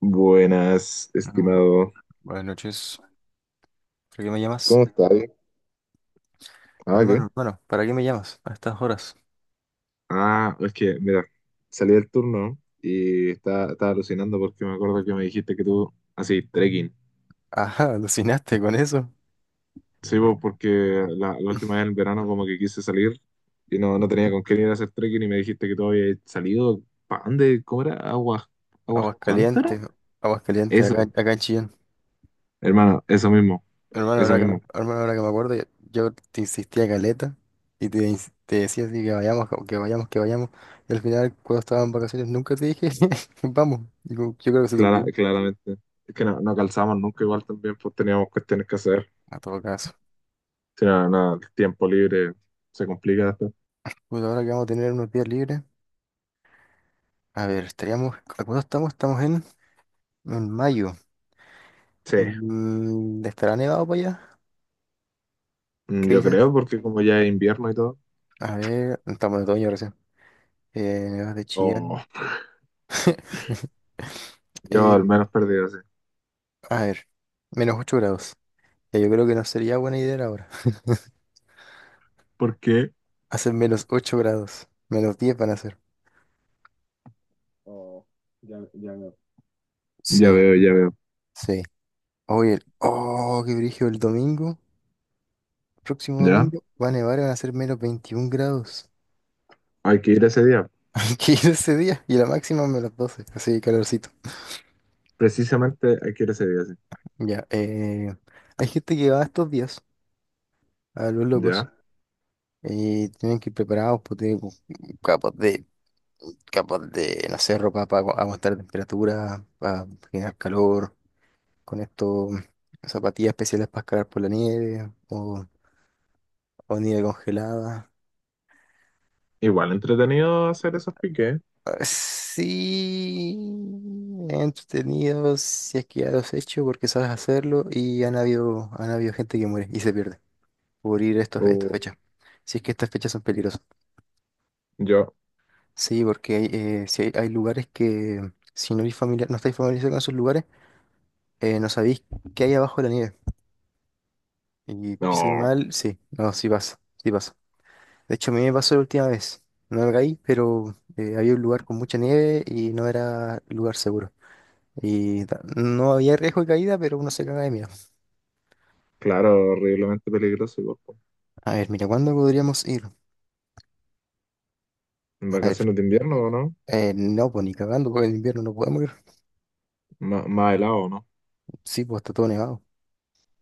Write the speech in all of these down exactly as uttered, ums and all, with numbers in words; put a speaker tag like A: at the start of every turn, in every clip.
A: Buenas,
B: Mm.
A: estimado.
B: Buenas noches. ¿Para qué me llamas?
A: ¿Cómo estás? Ah, ¿qué?
B: Hermano, hermano, ¿para qué me llamas a estas horas?
A: Ah, es que, mira, salí del turno y estaba, estaba alucinando porque me acuerdo que me dijiste que tú, así, trekking.
B: Ajá, alucinaste con eso.
A: Sí, pues, porque la, la última vez en el verano como que quise salir y no, no tenía con quién ir a hacer trekking y me dijiste que tú habías salido, ¿para dónde? ¿Cómo era? ¿Aguas, aguas
B: Aguas
A: cuántaras?
B: calientes, aguas calientes, acá,
A: Eso,
B: acá en Chillán.
A: hermano, eso mismo,
B: Hermano,
A: eso
B: ahora que, me-
A: mismo,
B: hermano, ahora que me acuerdo, yo te insistía caleta y te, ins- te decía así que vayamos, que vayamos, que vayamos. Y al final, cuando estaba en vacaciones, nunca te dije, vamos. Digo, yo creo que se te
A: clara,
B: olvidó.
A: claramente. Es que no, no calzamos nunca igual también, pues teníamos cuestiones que hacer.
B: A todo caso.
A: Si no, no, el tiempo libre se complica después.
B: Pues ahora que vamos a tener unos días libres. A ver, estaríamos, ¿a cuándo estamos? Estamos en, en mayo.
A: Sí,
B: Mm, ¿estará nevado para allá?
A: mm,
B: ¿Qué
A: yo
B: dices?
A: creo porque como ya es invierno y todo,
B: A ver, estamos en otoño recién. Eh, nevadas de
A: o
B: Chillán.
A: yo al
B: Eh,
A: menos perdido, sí.
B: a ver, menos ocho grados. Ya, yo creo que no sería buena idea ahora.
A: ¿Por qué?
B: Hacen menos ocho grados. Menos diez van a hacer.
A: Oh, ya, ya veo. Ya
B: Sí,
A: veo, ya veo.
B: sí. Oye, el- oh, qué brillo el domingo. Próximo
A: Ya,
B: domingo va a nevar y van a ser menos veintiún grados.
A: hay que ir ese día.
B: Hay que ir ese día. Y la máxima menos doce. Así que calorcito.
A: Precisamente hay que ir ese día, sí.
B: Ya, eh, hay gente que va estos días a los locos.
A: Ya.
B: Y tienen que ir preparados, pues tienen como capas de, capas de, no sé, ropa para aguantar temperatura, para generar calor, con esto, zapatillas especiales para escalar por la nieve o, o nieve congelada.
A: Igual entretenido hacer esos piques.
B: Ah, sí, entretenido si es que ya lo has hecho porque sabes hacerlo y han habido, han habido gente que muere y se pierde por ir a estos, estas
A: O
B: fechas. Si es que estas fechas son peligrosas.
A: yo.
B: Sí, porque hay, eh, sí hay, hay lugares que si no, eres familiar, no estáis familiarizados con esos lugares, eh, no sabéis qué hay abajo de la nieve. Y pisáis
A: No,
B: mal, sí, no, sí pasa, sí pasa. De hecho, a mí me pasó la última vez. No me caí, pero eh, había un lugar con mucha nieve y no era lugar seguro. Y ta- no había riesgo de caída, pero uno se caga de miedo.
A: claro, horriblemente peligroso, igual, po.
B: A ver, mira, ¿cuándo podríamos ir?
A: En
B: A ver,
A: vacaciones de invierno, ¿o no?
B: eh, no, pues ni cagando, porque en invierno no podemos ir.
A: Ma- más helado, ¿o no?
B: Sí, pues está todo nevado.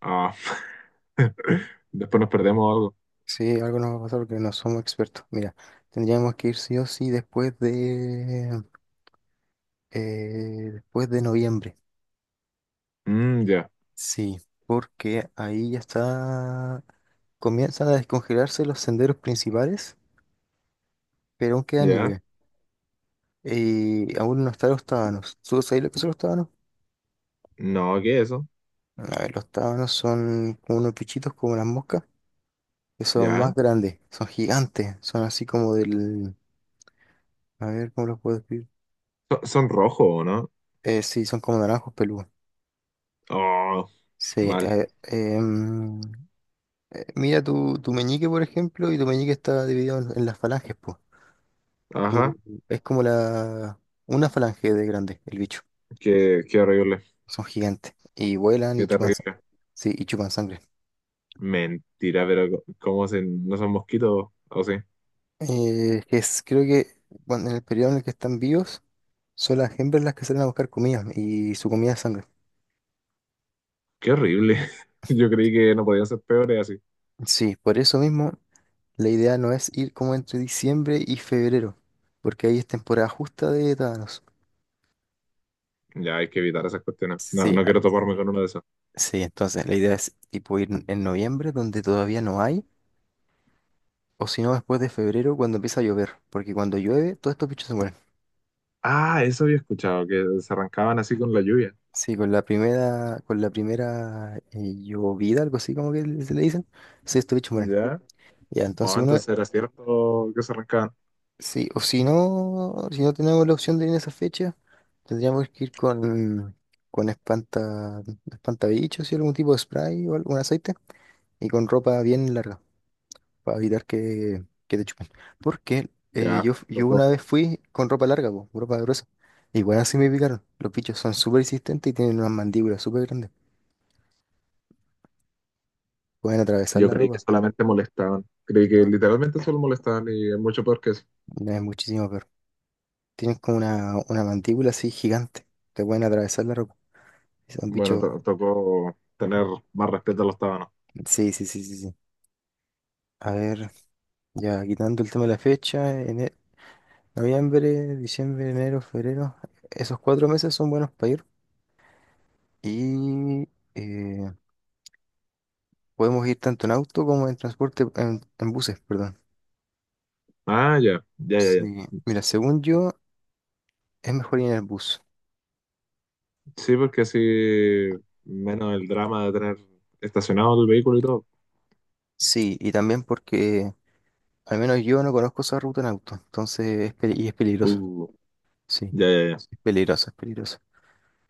A: Ah. Después nos perdemos algo.
B: Sí, algo nos va a pasar porque no somos expertos. Mira, tendríamos que ir sí o sí después de eh, después de noviembre.
A: Mm, ya,
B: Sí, porque ahí ya está, comienzan a descongelarse los senderos principales, pero aún queda
A: ya.
B: nieve. Y aún no están los tábanos. ¿Tú sabes lo que son los tábanos?
A: No, ¿qué es eso?
B: A ver, los tábanos son como unos bichitos como las moscas, que son más
A: Ya.
B: grandes, son gigantes, son así como del, a ver, ¿cómo los puedo decir?
A: Son, son rojos, ¿o no?
B: Eh, sí, son como naranjos peludos.
A: Oh,
B: Sí,
A: mal.
B: eh, em, eh, mira tu, tu meñique, por ejemplo, y tu meñique está dividido en, en las falanges, pues. Como,
A: Ajá.
B: es como la, una falange de grande, el bicho.
A: Qué, qué horrible.
B: Son gigantes. Y vuelan
A: Qué
B: y chupan, sang-
A: terrible.
B: sí, y chupan sangre.
A: Mentira, pero co- ¿cómo se, no son mosquitos? ¿O sí?
B: Eh, que es, creo que cuando en el periodo en el que están vivos, son las hembras las que salen a buscar comida y su comida es sangre.
A: Qué horrible. Yo creí que no podían ser peores así.
B: Sí, por eso mismo la idea no es ir como entre diciembre y febrero, porque ahí es temporada justa de tábanos.
A: Ya hay que evitar esas cuestiones. No,
B: Sí,
A: no quiero toparme con uno de esos.
B: sí, entonces la idea es tipo ir en en noviembre donde todavía no hay, o si no después de febrero cuando empieza a llover, porque cuando llueve todos estos bichos se mueren.
A: Ah, eso había escuchado, que se arrancaban así con la lluvia.
B: Sí, con la primera, con la primera eh, llovida, algo así como que le- se le dicen, sí, estos bichos mueren.
A: Ya.
B: Ya, entonces
A: Oh,
B: uno,
A: entonces era cierto que se arrancaban.
B: sí, o si no, si no tenemos la opción de ir en esa fecha, tendríamos que ir con, con espanta, espantabichos y algún tipo de spray o algún aceite, y con ropa bien larga para evitar que, que te chupen. Porque eh,
A: Ya,
B: yo, yo
A: tocó.
B: una vez fui con ropa larga, po, ropa gruesa. Igual así me picaron. Los bichos son súper resistentes y tienen unas mandíbulas súper grandes. Pueden atravesar
A: Yo
B: la
A: creí que
B: ropa.
A: solamente molestaban. Creí que
B: No,
A: literalmente solo molestaban y es mucho peor que eso.
B: no es muchísimo peor. Tienen como una, una mandíbula así gigante. Te pueden atravesar la ropa. Son
A: Bueno,
B: bichos.
A: to- tocó tener más respeto a los tábanos.
B: Sí, sí, sí, sí, sí. A ver, ya quitando el tema de la fecha, ene- noviembre, diciembre, enero, febrero. Esos cuatro meses son buenos para ir. Y eh, podemos ir tanto en auto como en transporte, en, en buses, perdón.
A: Ah, ya, ya, ya, ya.
B: Sí, mira, según yo, es mejor ir en el bus.
A: Sí, porque así menos el drama de tener estacionado el vehículo y todo.
B: Sí, y también porque al menos yo no conozco esa ruta en auto, entonces es peli- y es peligroso.
A: Uh,
B: Sí,
A: ya, ya, ya.
B: es peligroso, es peligroso.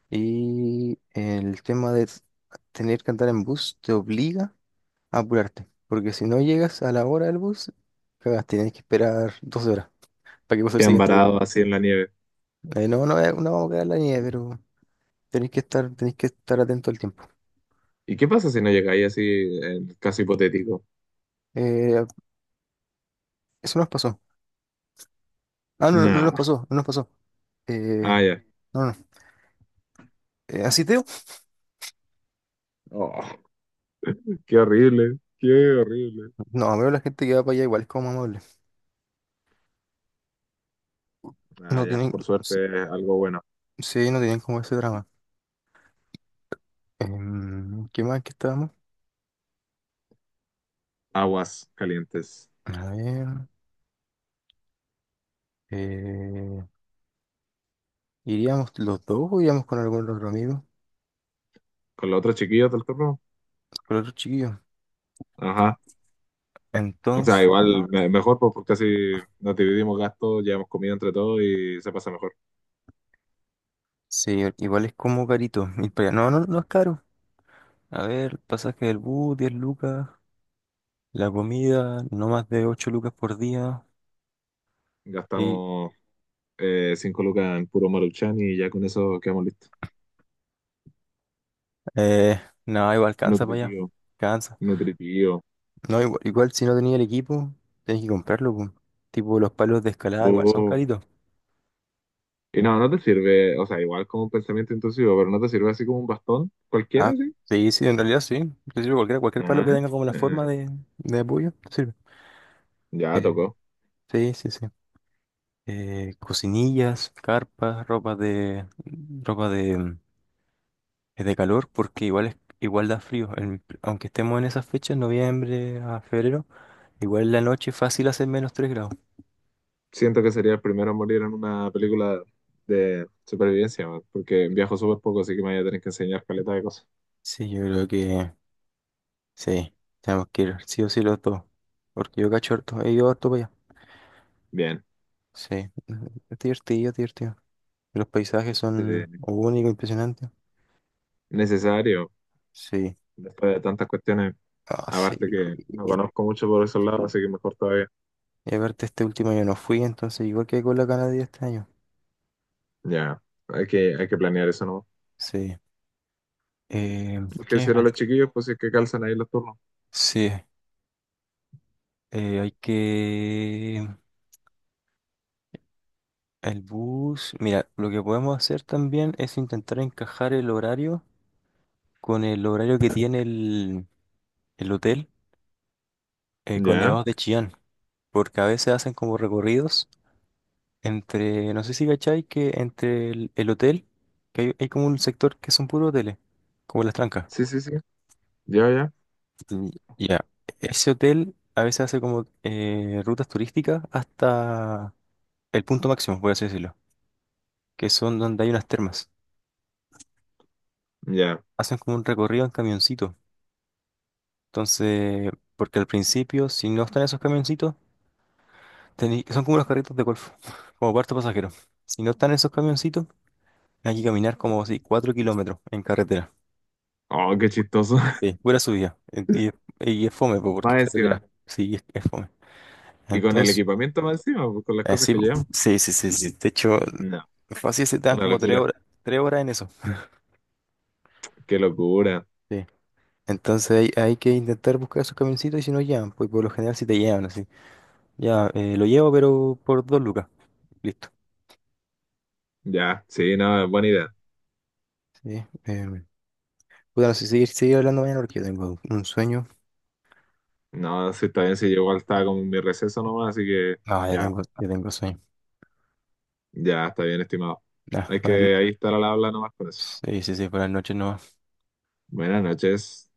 B: Y el tema de s- tener que andar en bus te obliga a apurarte, porque si no llegas a la hora del bus, cagaste, tienes que esperar dos horas para que pase el
A: Quedan
B: siguiente bus.
A: varados así en la nieve.
B: Eh, no, no, eh, no vamos a quedar en la nieve, pero tenéis que estar, tenéis que estar atento al tiempo.
A: ¿Y qué pasa si no llegáis así, en el caso hipotético?
B: Eh, Eso nos pasó. Ah, no, no no nos
A: Nah.
B: pasó, no nos pasó. Eh,
A: Ah, ya.
B: no, no. Eh, ¿así Teo?
A: Oh, qué horrible, qué horrible.
B: No, veo la gente que va para allá igual es como amable.
A: Ah,
B: No
A: ya,
B: tienen,
A: por
B: sí,
A: suerte es algo bueno.
B: sí, no tienen como ese drama. Em, ¿qué más que estábamos?
A: Aguas calientes.
B: A ver. eh, ¿Iríamos los dos o iríamos con algún otro amigo?
A: ¿Con los otros chiquillos del turno?
B: Con otro chiquillo.
A: Ajá. O sea,
B: Entonces,
A: igual me- mejor pues, porque así nos dividimos gastos, llevamos comida entre todos y se pasa mejor.
B: sí, igual es como carito ir para allá. No, no, no es caro. A ver, el pasaje del bus, diez lucas. La comida, no más de ocho lucas por día.
A: Gastamos eh, cinco lucas en puro Maruchan y ya con eso quedamos listos.
B: Eh, no, igual cansa para allá.
A: Nutritivo,
B: Cansa.
A: nutritivo.
B: No, igual, igual si no tenía el equipo, tenés que comprarlo, po. Tipo, los palos de escalada igual son
A: Oh.
B: caritos.
A: Y no, no te sirve, o sea, igual como un pensamiento intrusivo, pero no te sirve así como un bastón cualquiera,
B: Ah,
A: ¿sí?
B: sí, sí, en realidad sí. Te sirve cualquiera, cualquier palo que
A: Ah,
B: tenga como la forma
A: ah,
B: de, de apoyo, te sirve.
A: ya
B: Eh,
A: tocó.
B: sí, sí, sí. Eh, cocinillas, carpas, ropa de, ropa de, de calor, porque igual es, igual da frío. El- aunque estemos en esas fechas, noviembre a febrero, igual en la noche es fácil hacer menos tres grados.
A: Siento que sería el primero en morir en una película de supervivencia, man, porque viajo súper poco, así que me voy a tener que enseñar caleta de cosas.
B: Sí, yo creo que sí, tenemos que ir sí o sí los dos. Porque yo cacho harto, he ido harto para allá.
A: Bien.
B: Sí, es divertido, es divertido. Los paisajes son
A: Sí.
B: únicos, impresionantes. Ah,
A: Necesario,
B: sí,
A: después de tantas cuestiones,
B: ah, sí.
A: aparte que no conozco mucho por esos lados, así que mejor todavía.
B: Y aparte este último año no fui, entonces igual que con la Canadá este año.
A: Ya, hay que, hay que planear eso, ¿no?
B: Sí. Eh,
A: Hay que
B: ¿Qué me
A: decirle a los
B: falta?
A: chiquillos, pues si es que calzan ahí los turnos.
B: Sí, eh, hay que... El bus... Mira, lo que podemos hacer también es intentar encajar el horario con el horario que tiene el, el hotel eh,
A: Ya,
B: Cornevados de Chillán, porque a veces hacen como recorridos entre, no sé si cachai, que entre el, el hotel, que hay, hay como un sector que son puros hoteles, como Las Trancas.
A: sí, sí, sí, ya, ya,
B: Mm, ya. Ese hotel a veces hace como eh, rutas turísticas hasta el punto máximo, por así decirlo, que son donde hay unas termas.
A: ya.
B: Hacen como un recorrido en camioncito. Entonces, porque al principio, si no están esos camioncitos, tení- son como los carritos de golf, como cuarto pasajero. Si no están esos camioncitos, hay que caminar como así, cuatro kilómetros en carretera.
A: Oh, qué chistoso.
B: Sí, pura subida. Eh, Y, es- y es fome, po, porque
A: Más
B: es carretera.
A: encima.
B: Sí, es, es fome.
A: Y con el
B: Entonces,
A: equipamiento más encima, pues, con las
B: eh,
A: cosas
B: sí,
A: que
B: po.
A: llevamos.
B: Sí, sí, sí, sí. De hecho,
A: No,
B: fácil se te dan
A: una
B: como tres
A: locura,
B: horas, tres horas en eso.
A: qué locura.
B: Sí. Entonces hay, hay que intentar buscar esos camioncitos y si no llegan, pues por lo general si te llevan así. Ya, eh, lo llevo, pero por dos lucas. Listo.
A: Ya, sí, no, buena idea.
B: Sí. em, puta, no sé, seguir, seguir hablando mañana porque yo tengo un sueño.
A: No, sí, está bien, si yo igual estaba como en mi receso nomás, así que
B: Ah, ya
A: ya,
B: tengo, ya tengo sueño.
A: ya, está bien, estimado.
B: Ah,
A: Hay
B: buenas no-
A: que ahí estar al habla nomás con eso.
B: sí, sí, sí, buenas noches no.
A: Buenas noches.